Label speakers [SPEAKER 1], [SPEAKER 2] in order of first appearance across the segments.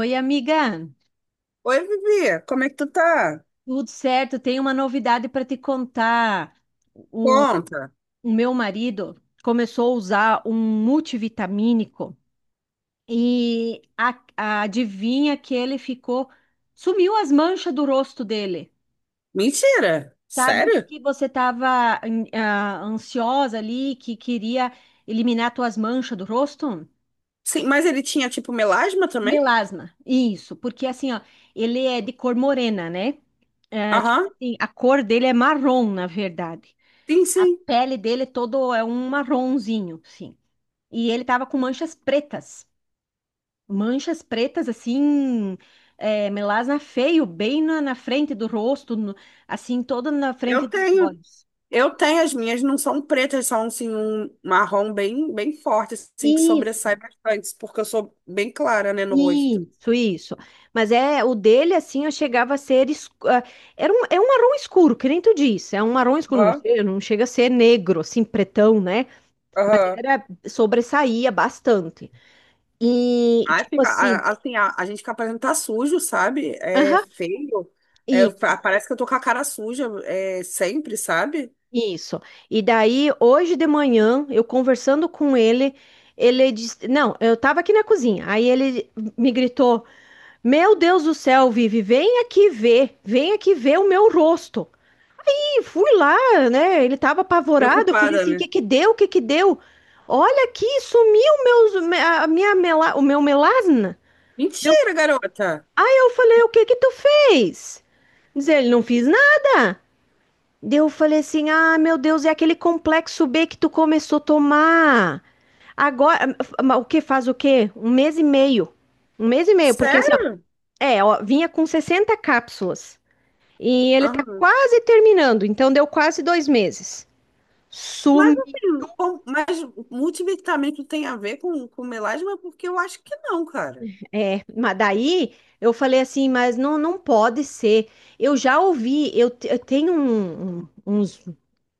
[SPEAKER 1] Oi, amiga.
[SPEAKER 2] Oi, Vivi, como é que tu tá?
[SPEAKER 1] Tudo certo? Tenho uma novidade para te contar.
[SPEAKER 2] Conta.
[SPEAKER 1] O meu marido começou a usar um multivitamínico e adivinha que ele ficou, sumiu as manchas do rosto dele.
[SPEAKER 2] Mentira.
[SPEAKER 1] Sabe
[SPEAKER 2] Sério?
[SPEAKER 1] que você estava ansiosa ali, que queria eliminar tuas manchas do rosto?
[SPEAKER 2] Sim, mas ele tinha tipo melasma também?
[SPEAKER 1] Melasma, isso, porque assim, ó, ele é de cor morena, né? É, tipo
[SPEAKER 2] Aham.
[SPEAKER 1] assim, a cor dele é marrom, na verdade.
[SPEAKER 2] Sim,
[SPEAKER 1] A
[SPEAKER 2] sim.
[SPEAKER 1] pele dele todo é um marronzinho, sim. E ele tava com manchas pretas. Manchas pretas, assim, é, melasma feio, bem na frente do rosto, assim, toda na frente
[SPEAKER 2] Eu
[SPEAKER 1] dos
[SPEAKER 2] tenho.
[SPEAKER 1] olhos.
[SPEAKER 2] Eu tenho, as minhas não são pretas, são assim um marrom bem, bem forte, assim que
[SPEAKER 1] Isso,
[SPEAKER 2] sobressai bastante, porque eu sou bem clara, né, no rosto.
[SPEAKER 1] isso, isso. Mas é, o dele, assim, eu chegava a ser, é um marrom escuro, que nem tu disse, é um marrom escuro, não
[SPEAKER 2] Aham.
[SPEAKER 1] sei, não chega a ser negro, assim, pretão, né? Mas
[SPEAKER 2] Aham.
[SPEAKER 1] era, sobressaía bastante. E,
[SPEAKER 2] Aí
[SPEAKER 1] tipo
[SPEAKER 2] fica,
[SPEAKER 1] assim,
[SPEAKER 2] assim, a gente fica parecendo que tá sujo, sabe? É
[SPEAKER 1] aham.
[SPEAKER 2] feio. É, parece que eu tô com a cara suja, é, sempre, sabe?
[SPEAKER 1] Isso. E daí, hoje de manhã, eu conversando com ele, ele disse: Não, eu tava aqui na cozinha. Aí ele me gritou: Meu Deus do céu, Vivi, vem aqui ver o meu rosto. E fui lá, né? Ele tava apavorado. Eu falei
[SPEAKER 2] Preocupada,
[SPEAKER 1] assim: O
[SPEAKER 2] né?
[SPEAKER 1] que que deu? O que que deu? Olha aqui, sumiu meus, o meu melasma. Deu-
[SPEAKER 2] Mentira, garota.
[SPEAKER 1] Aí eu falei: O que que tu fez? Diz ele: Não fiz nada. Daí eu falei assim: ah, meu Deus, é aquele complexo B que tu começou a tomar. Agora, mas o que faz o quê? Um mês e meio. Um mês e meio, porque assim, ó,
[SPEAKER 2] Sério?
[SPEAKER 1] é, ó, vinha com 60 cápsulas. E ele tá
[SPEAKER 2] Aham.
[SPEAKER 1] quase terminando, então deu quase 2 meses.
[SPEAKER 2] Mas
[SPEAKER 1] Sumi.
[SPEAKER 2] assim, mas multivitamínico tem a ver com melasma? Porque eu acho que não, cara.
[SPEAKER 1] É, mas daí eu falei assim, mas não, não pode ser. Eu já ouvi, eu tenho uns.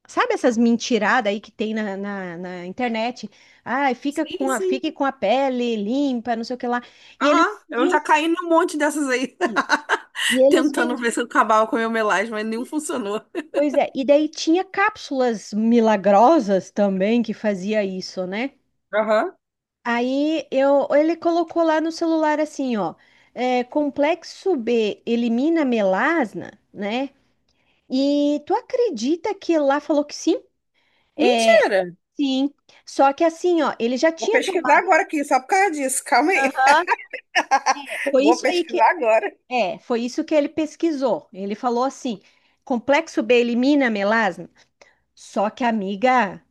[SPEAKER 1] Sabe essas mentiradas aí que tem na internet? Ai,
[SPEAKER 2] Sim, sim.
[SPEAKER 1] fique com a pele limpa, não sei o que lá. E eles
[SPEAKER 2] Aham, eu
[SPEAKER 1] vendiam
[SPEAKER 2] já caí num monte dessas aí,
[SPEAKER 1] sim. E eles
[SPEAKER 2] tentando
[SPEAKER 1] vendiam.
[SPEAKER 2] ver se eu acabava com o meu melasma, mas nenhum funcionou.
[SPEAKER 1] Pois é, e daí tinha cápsulas milagrosas também que fazia isso, né?
[SPEAKER 2] Aham.
[SPEAKER 1] Ele colocou lá no celular assim, ó, é, complexo B elimina melasma, né? E tu acredita que lá falou que sim? É,
[SPEAKER 2] Mentira!
[SPEAKER 1] sim. Só que assim, ó, ele já
[SPEAKER 2] Vou
[SPEAKER 1] tinha
[SPEAKER 2] pesquisar
[SPEAKER 1] tomado.
[SPEAKER 2] agora aqui, só por causa disso. Calma aí.
[SPEAKER 1] Aham. Foi
[SPEAKER 2] Vou
[SPEAKER 1] isso aí que
[SPEAKER 2] pesquisar agora.
[SPEAKER 1] Foi isso que ele pesquisou. Ele falou assim: complexo B elimina a melasma. Só que, amiga,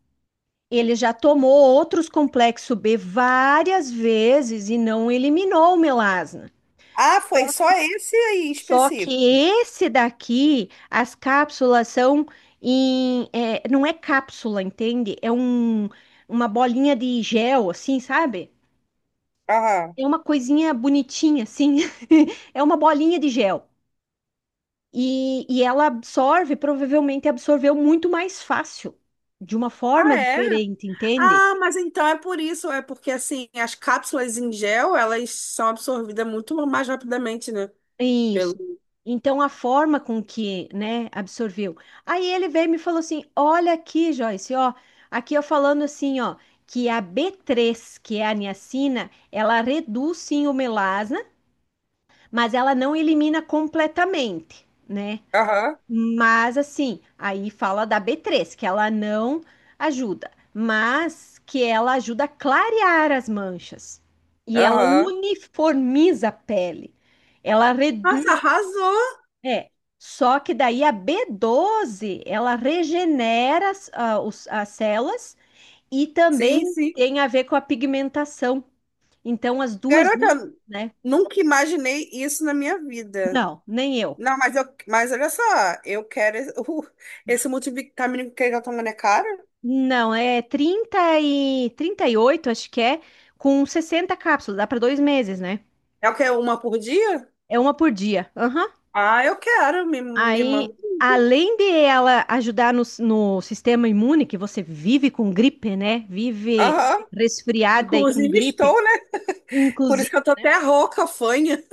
[SPEAKER 1] ele já tomou outros complexo B várias vezes e não eliminou o melasma.
[SPEAKER 2] Ah, foi só esse aí em
[SPEAKER 1] Só que
[SPEAKER 2] específico.
[SPEAKER 1] esse daqui, as cápsulas não é cápsula, entende? Uma bolinha de gel, assim, sabe?
[SPEAKER 2] Aham.
[SPEAKER 1] É uma coisinha bonitinha, assim. É uma bolinha de gel. E ela absorve, provavelmente absorveu muito mais fácil, de uma forma
[SPEAKER 2] Ah, é?
[SPEAKER 1] diferente, entende?
[SPEAKER 2] Ah, mas então é por isso, é porque assim, as cápsulas em gel, elas são absorvidas muito mais rapidamente, né? Pelo...
[SPEAKER 1] Isso. Então, a forma com que, né, absorveu. Aí ele veio e me falou assim: Olha aqui, Joyce, ó, aqui eu falando assim, ó, que a B3, que é a niacina, ela reduz sim o melasma, mas ela não elimina completamente, né?
[SPEAKER 2] Aham,
[SPEAKER 1] Mas assim, aí fala da B3, que ela não ajuda, mas que ela ajuda a clarear as manchas. E ela
[SPEAKER 2] aham.
[SPEAKER 1] uniformiza a pele. Ela
[SPEAKER 2] Nossa,
[SPEAKER 1] reduz,
[SPEAKER 2] arrasou!
[SPEAKER 1] é. Só que daí a B12, ela regenera as células e
[SPEAKER 2] Sim,
[SPEAKER 1] também
[SPEAKER 2] sim.
[SPEAKER 1] tem a ver com a pigmentação. Então as duas, juntas,
[SPEAKER 2] Garota,
[SPEAKER 1] né?
[SPEAKER 2] nunca imaginei isso na minha vida.
[SPEAKER 1] Não, nem eu.
[SPEAKER 2] Não, mas, eu, mas olha só, eu quero esse, esse multivitamínico que ele tá tomando é caro?
[SPEAKER 1] Não, é 30 e 38 acho que é, com 60 cápsulas, dá para 2 meses, né?
[SPEAKER 2] É o que, uma por dia?
[SPEAKER 1] É uma por dia. Aham.
[SPEAKER 2] Ah, eu quero, me manda.
[SPEAKER 1] Aí, além de ela ajudar no sistema imune, que você vive com gripe, né? Vive
[SPEAKER 2] Aham.
[SPEAKER 1] resfriada e com
[SPEAKER 2] Inclusive
[SPEAKER 1] gripe,
[SPEAKER 2] estou, né? Por isso que
[SPEAKER 1] inclusive,
[SPEAKER 2] eu tô até rouca, fanha.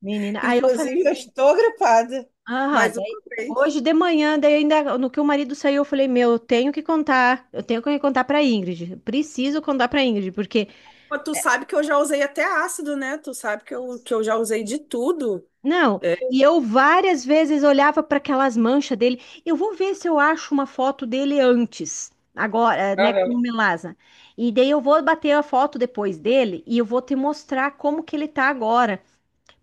[SPEAKER 1] menina. Aí eu falei
[SPEAKER 2] Inclusive, eu
[SPEAKER 1] assim,
[SPEAKER 2] estou gripada,
[SPEAKER 1] ah,
[SPEAKER 2] mas eu
[SPEAKER 1] daí,
[SPEAKER 2] comprei.
[SPEAKER 1] hoje de manhã, daí ainda no que o marido saiu, eu falei, meu, eu tenho que contar, eu tenho que contar para Ingrid, preciso contar para Ingrid, porque.
[SPEAKER 2] Pô, tu sabe que eu já usei até ácido, né? Tu sabe que eu já usei de tudo.
[SPEAKER 1] Não,
[SPEAKER 2] É.
[SPEAKER 1] e eu várias vezes olhava para aquelas manchas dele. Eu vou ver se eu acho uma foto dele antes, agora, né, com
[SPEAKER 2] Aham.
[SPEAKER 1] o Melaza. E daí eu vou bater a foto depois dele e eu vou te mostrar como que ele tá agora,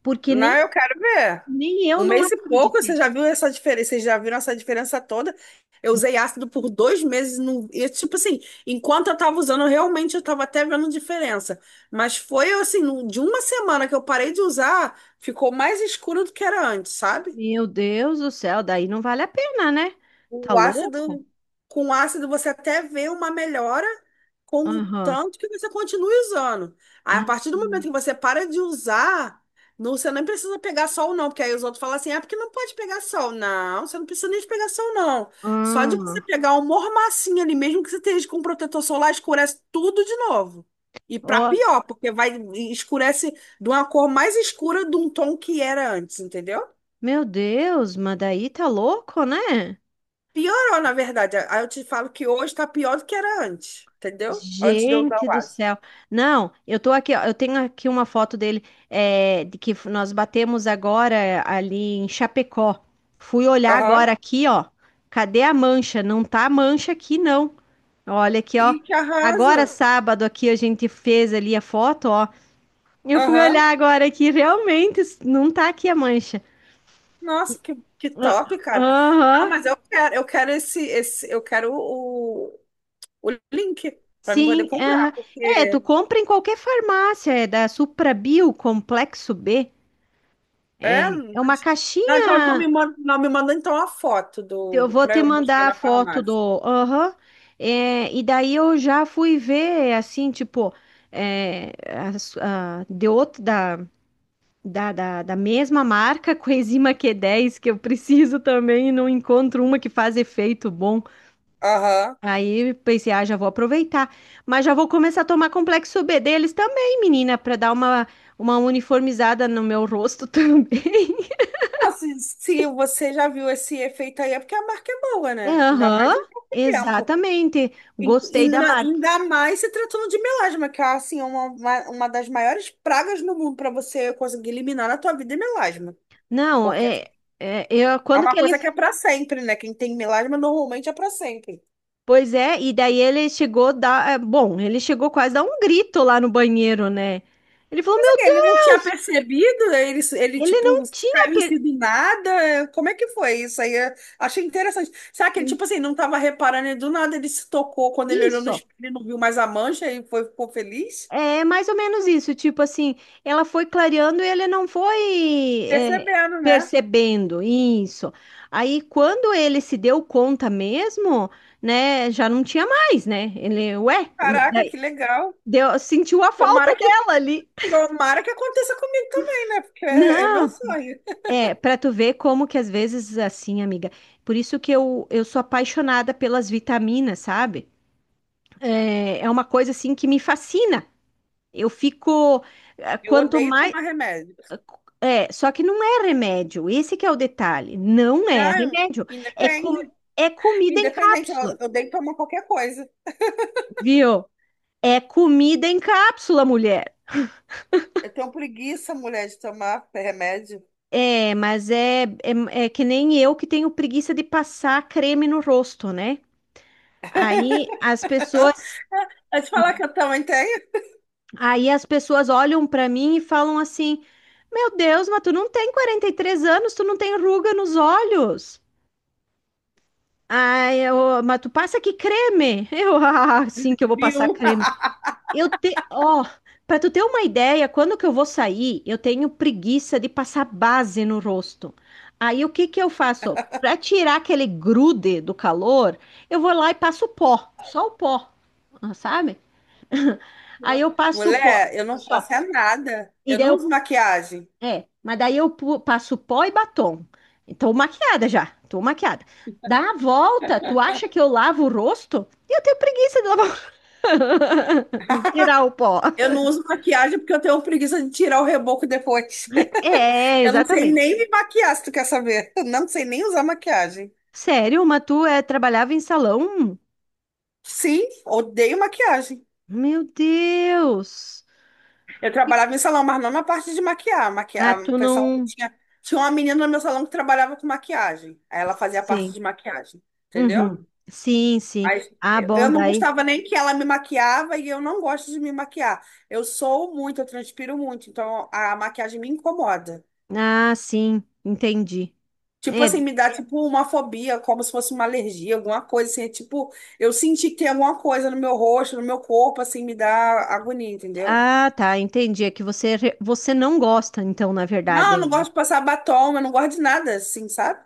[SPEAKER 1] porque
[SPEAKER 2] Não,
[SPEAKER 1] nem,
[SPEAKER 2] eu quero ver.
[SPEAKER 1] nem eu
[SPEAKER 2] Um
[SPEAKER 1] não
[SPEAKER 2] mês e pouco, você
[SPEAKER 1] acreditei.
[SPEAKER 2] já viu essa diferença? Vocês já viram essa diferença toda? Eu usei ácido por dois meses. No... E, tipo assim, enquanto eu tava usando, realmente eu tava até vendo diferença. Mas foi assim, de uma semana que eu parei de usar, ficou mais escuro do que era antes, sabe?
[SPEAKER 1] Meu Deus do céu, daí não vale a pena, né? Tá
[SPEAKER 2] O
[SPEAKER 1] louco?
[SPEAKER 2] ácido, com o ácido você até vê uma melhora, com o
[SPEAKER 1] Aham.
[SPEAKER 2] tanto que você continue usando. Aí, a
[SPEAKER 1] Ah,
[SPEAKER 2] partir do momento que você para de usar, não, você nem precisa pegar sol, não, porque aí os outros falam assim: é porque não pode pegar sol. Não, você não precisa nem de pegar sol, não. Só de
[SPEAKER 1] ah.
[SPEAKER 2] você pegar um mormacinho ali, mesmo que você esteja com protetor solar, escurece tudo de novo. E para
[SPEAKER 1] Ó,
[SPEAKER 2] pior, porque vai escurece de uma cor mais escura de um tom que era antes, entendeu?
[SPEAKER 1] meu Deus, mas daí tá louco, né?
[SPEAKER 2] Piorou, na verdade. Aí eu te falo que hoje tá pior do que era antes, entendeu? Antes de eu usar
[SPEAKER 1] Gente
[SPEAKER 2] o
[SPEAKER 1] do
[SPEAKER 2] ácido.
[SPEAKER 1] céu. Não, eu tô aqui, ó, eu tenho aqui uma foto dele, nós batemos agora ali em Chapecó. Fui olhar
[SPEAKER 2] Aham.
[SPEAKER 1] agora aqui, ó. Cadê a mancha? Não tá a mancha aqui, não. Olha aqui, ó.
[SPEAKER 2] E que
[SPEAKER 1] Agora
[SPEAKER 2] arrasa.
[SPEAKER 1] sábado aqui a gente fez ali a foto, ó. Eu fui
[SPEAKER 2] Aham.
[SPEAKER 1] olhar agora aqui, realmente não tá aqui a mancha.
[SPEAKER 2] Nossa, que
[SPEAKER 1] Ah,
[SPEAKER 2] top, cara. Não,
[SPEAKER 1] aham.
[SPEAKER 2] mas eu quero esse, esse, eu quero o link para mim poder
[SPEAKER 1] Sim,
[SPEAKER 2] comprar,
[SPEAKER 1] aham. É, tu
[SPEAKER 2] porque
[SPEAKER 1] compra em qualquer farmácia, é da Suprabio Complexo B.
[SPEAKER 2] é,
[SPEAKER 1] É, é uma
[SPEAKER 2] mas- Não, então eu tô me
[SPEAKER 1] caixinha.
[SPEAKER 2] mandando, não, me manda então a foto
[SPEAKER 1] Eu
[SPEAKER 2] do
[SPEAKER 1] vou
[SPEAKER 2] para
[SPEAKER 1] te
[SPEAKER 2] eu mostrar
[SPEAKER 1] mandar a
[SPEAKER 2] na
[SPEAKER 1] foto do.
[SPEAKER 2] farmácia.
[SPEAKER 1] Aham. É, e daí eu já fui ver, assim, tipo, é, de outro da, da, mesma marca, coenzima Q10, que eu preciso também, e não encontro uma que faz efeito bom.
[SPEAKER 2] Aham.
[SPEAKER 1] Aí pensei, ah, já vou aproveitar. Mas já vou começar a tomar complexo B deles também, menina, para dar uma uniformizada no meu rosto também.
[SPEAKER 2] Nossa, se se você já viu esse efeito aí, é porque a marca é boa,
[SPEAKER 1] É,
[SPEAKER 2] né? Ainda mais
[SPEAKER 1] aham,
[SPEAKER 2] em pouco tempo.
[SPEAKER 1] exatamente. Gostei da
[SPEAKER 2] Ainda
[SPEAKER 1] marca.
[SPEAKER 2] ainda mais se tratando de melasma, que é assim, uma das maiores pragas no mundo para você conseguir eliminar na tua vida é melasma.
[SPEAKER 1] Não,
[SPEAKER 2] Porque
[SPEAKER 1] eu,
[SPEAKER 2] é
[SPEAKER 1] quando
[SPEAKER 2] uma
[SPEAKER 1] que ele.
[SPEAKER 2] coisa que é para sempre, né? Quem tem melasma normalmente é para sempre.
[SPEAKER 1] Pois é, e daí ele chegou Bom, ele chegou quase a dar um grito lá no banheiro, né? Ele falou:
[SPEAKER 2] Só que
[SPEAKER 1] Meu
[SPEAKER 2] ele não tinha
[SPEAKER 1] Deus,
[SPEAKER 2] percebido, ele
[SPEAKER 1] ele
[SPEAKER 2] tipo,
[SPEAKER 1] não tinha.
[SPEAKER 2] caiu em si do nada. Como é que foi isso aí? Eu achei interessante. Será que ele, tipo assim, não tava reparando e do nada ele se tocou quando ele olhou no
[SPEAKER 1] Isso,
[SPEAKER 2] espelho e não viu mais a mancha e foi, ficou feliz?
[SPEAKER 1] é mais ou menos isso. Tipo assim, ela foi clareando e ele não foi
[SPEAKER 2] Percebendo, né?
[SPEAKER 1] percebendo isso. Aí quando ele se deu conta mesmo, né, já não tinha mais, né? Ele, ué.
[SPEAKER 2] Caraca, que legal.
[SPEAKER 1] Deu, sentiu a falta
[SPEAKER 2] Tomara que
[SPEAKER 1] dela ali.
[SPEAKER 2] tomara que aconteça comigo também, né? Porque é, é meu
[SPEAKER 1] Não,
[SPEAKER 2] sonho.
[SPEAKER 1] pra tu ver como que às vezes assim, amiga. Por isso que eu sou apaixonada pelas vitaminas, sabe? É uma coisa assim que me fascina. Eu fico,
[SPEAKER 2] Eu
[SPEAKER 1] quanto
[SPEAKER 2] odeio
[SPEAKER 1] mais.
[SPEAKER 2] tomar remédio.
[SPEAKER 1] É, só que não é remédio, esse que é o detalhe. Não é
[SPEAKER 2] Não,
[SPEAKER 1] remédio. É, com,
[SPEAKER 2] independe.
[SPEAKER 1] É comida em
[SPEAKER 2] Independente, eu
[SPEAKER 1] cápsula,
[SPEAKER 2] eu odeio tomar qualquer coisa.
[SPEAKER 1] viu? É comida em cápsula, mulher.
[SPEAKER 2] Eu tenho preguiça, mulher, de tomar remédio.
[SPEAKER 1] É, mas é que nem eu que tenho preguiça de passar creme no rosto, né? Aí as pessoas,
[SPEAKER 2] Eu te falar que eu também tenho,
[SPEAKER 1] aí as pessoas olham pra mim e falam assim: "Meu Deus, mas tu não tem 43 anos, tu não tem ruga nos olhos". Ai, mas tu passa que creme? Ah, sim que eu vou passar
[SPEAKER 2] viu?
[SPEAKER 1] creme. Ó, pra tu ter uma ideia, quando que eu vou sair, eu tenho preguiça de passar base no rosto. Aí o que que eu faço? Pra tirar aquele grude do calor, eu vou lá e passo pó, só o pó, sabe? Aí eu passo o pó
[SPEAKER 2] Mulher, eu não
[SPEAKER 1] só.
[SPEAKER 2] passo é nada.
[SPEAKER 1] E
[SPEAKER 2] Eu
[SPEAKER 1] daí
[SPEAKER 2] não uso
[SPEAKER 1] eu,
[SPEAKER 2] maquiagem.
[SPEAKER 1] é, mas daí eu pu- Passo pó e batom. Tô maquiada já, tô maquiada. Dá a volta, tu acha que eu lavo o rosto? Eu tenho preguiça de lavar, de tirar o pó.
[SPEAKER 2] Eu não uso maquiagem porque eu tenho preguiça de tirar o reboco depois.
[SPEAKER 1] É,
[SPEAKER 2] Eu não sei
[SPEAKER 1] exatamente.
[SPEAKER 2] nem me maquiar, se tu quer saber. Eu não sei nem usar maquiagem.
[SPEAKER 1] Sério, mas tu trabalhava em salão?
[SPEAKER 2] Sim, odeio maquiagem.
[SPEAKER 1] Meu Deus.
[SPEAKER 2] Eu trabalhava em salão, mas não na parte de maquiar.
[SPEAKER 1] Ah,
[SPEAKER 2] Maquiar, o
[SPEAKER 1] tu
[SPEAKER 2] pessoal
[SPEAKER 1] não.
[SPEAKER 2] tinha, tinha uma menina no meu salão que trabalhava com maquiagem. Aí ela fazia a parte
[SPEAKER 1] Sim.
[SPEAKER 2] de maquiagem, entendeu?
[SPEAKER 1] Uhum. Sim, sim.
[SPEAKER 2] Mas
[SPEAKER 1] Ah,
[SPEAKER 2] eu
[SPEAKER 1] bom,
[SPEAKER 2] eu não
[SPEAKER 1] daí.
[SPEAKER 2] gostava nem que ela me maquiava e eu não gosto de me maquiar. Eu sou muito, eu transpiro muito, então a maquiagem me incomoda.
[SPEAKER 1] Ah, sim, entendi.
[SPEAKER 2] Tipo
[SPEAKER 1] É,
[SPEAKER 2] assim, me dá tipo uma fobia, como se fosse uma alergia, alguma coisa assim. É. Tipo, eu senti que tem alguma coisa no meu rosto, no meu corpo, assim, me dá agonia, entendeu?
[SPEAKER 1] ah, tá, entendi. É que você, você não gosta, então, na
[SPEAKER 2] Não, eu
[SPEAKER 1] verdade.
[SPEAKER 2] não
[SPEAKER 1] Né?
[SPEAKER 2] gosto de passar batom, eu não gosto de nada, assim, sabe?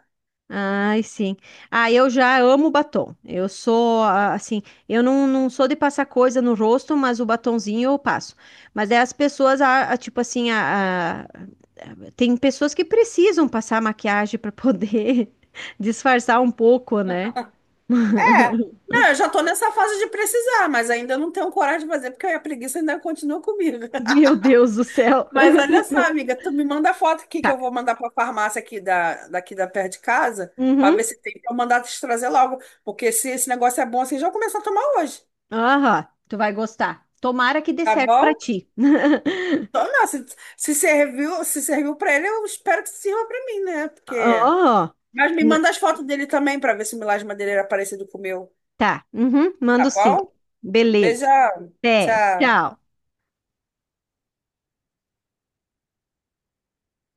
[SPEAKER 1] Ai, sim. Ah, eu já amo batom. Eu sou, assim, eu não sou de passar coisa no rosto, mas o batonzinho eu passo. Mas é as pessoas, tipo assim, tem pessoas que precisam passar maquiagem para poder disfarçar um pouco, né?
[SPEAKER 2] É. Não, eu já tô nessa fase de precisar, mas ainda não tenho coragem de fazer, porque a preguiça ainda continua comigo.
[SPEAKER 1] Meu Deus do céu.
[SPEAKER 2] Mas olha só, amiga, tu me manda a foto aqui que
[SPEAKER 1] Tá.
[SPEAKER 2] eu vou mandar para a farmácia aqui da, daqui da perto de casa, para ver
[SPEAKER 1] Uhum.
[SPEAKER 2] se tem para mandar te trazer logo, porque se esse negócio é bom assim, já vou começar a tomar hoje,
[SPEAKER 1] Aham. Tu vai gostar. Tomara que dê
[SPEAKER 2] tá
[SPEAKER 1] certo pra
[SPEAKER 2] bom?
[SPEAKER 1] ti.
[SPEAKER 2] Então, não, se serviu, se serviu para ele, eu espero que sirva para mim, né? Porque
[SPEAKER 1] Aham.
[SPEAKER 2] mas me manda as fotos dele também para ver se o milagre de madeira era parecido com o meu,
[SPEAKER 1] Tá. Uhum.
[SPEAKER 2] tá
[SPEAKER 1] Mando sim.
[SPEAKER 2] bom?
[SPEAKER 1] Beleza.
[SPEAKER 2] Beijão.
[SPEAKER 1] Até.
[SPEAKER 2] Tchau.
[SPEAKER 1] Tchau.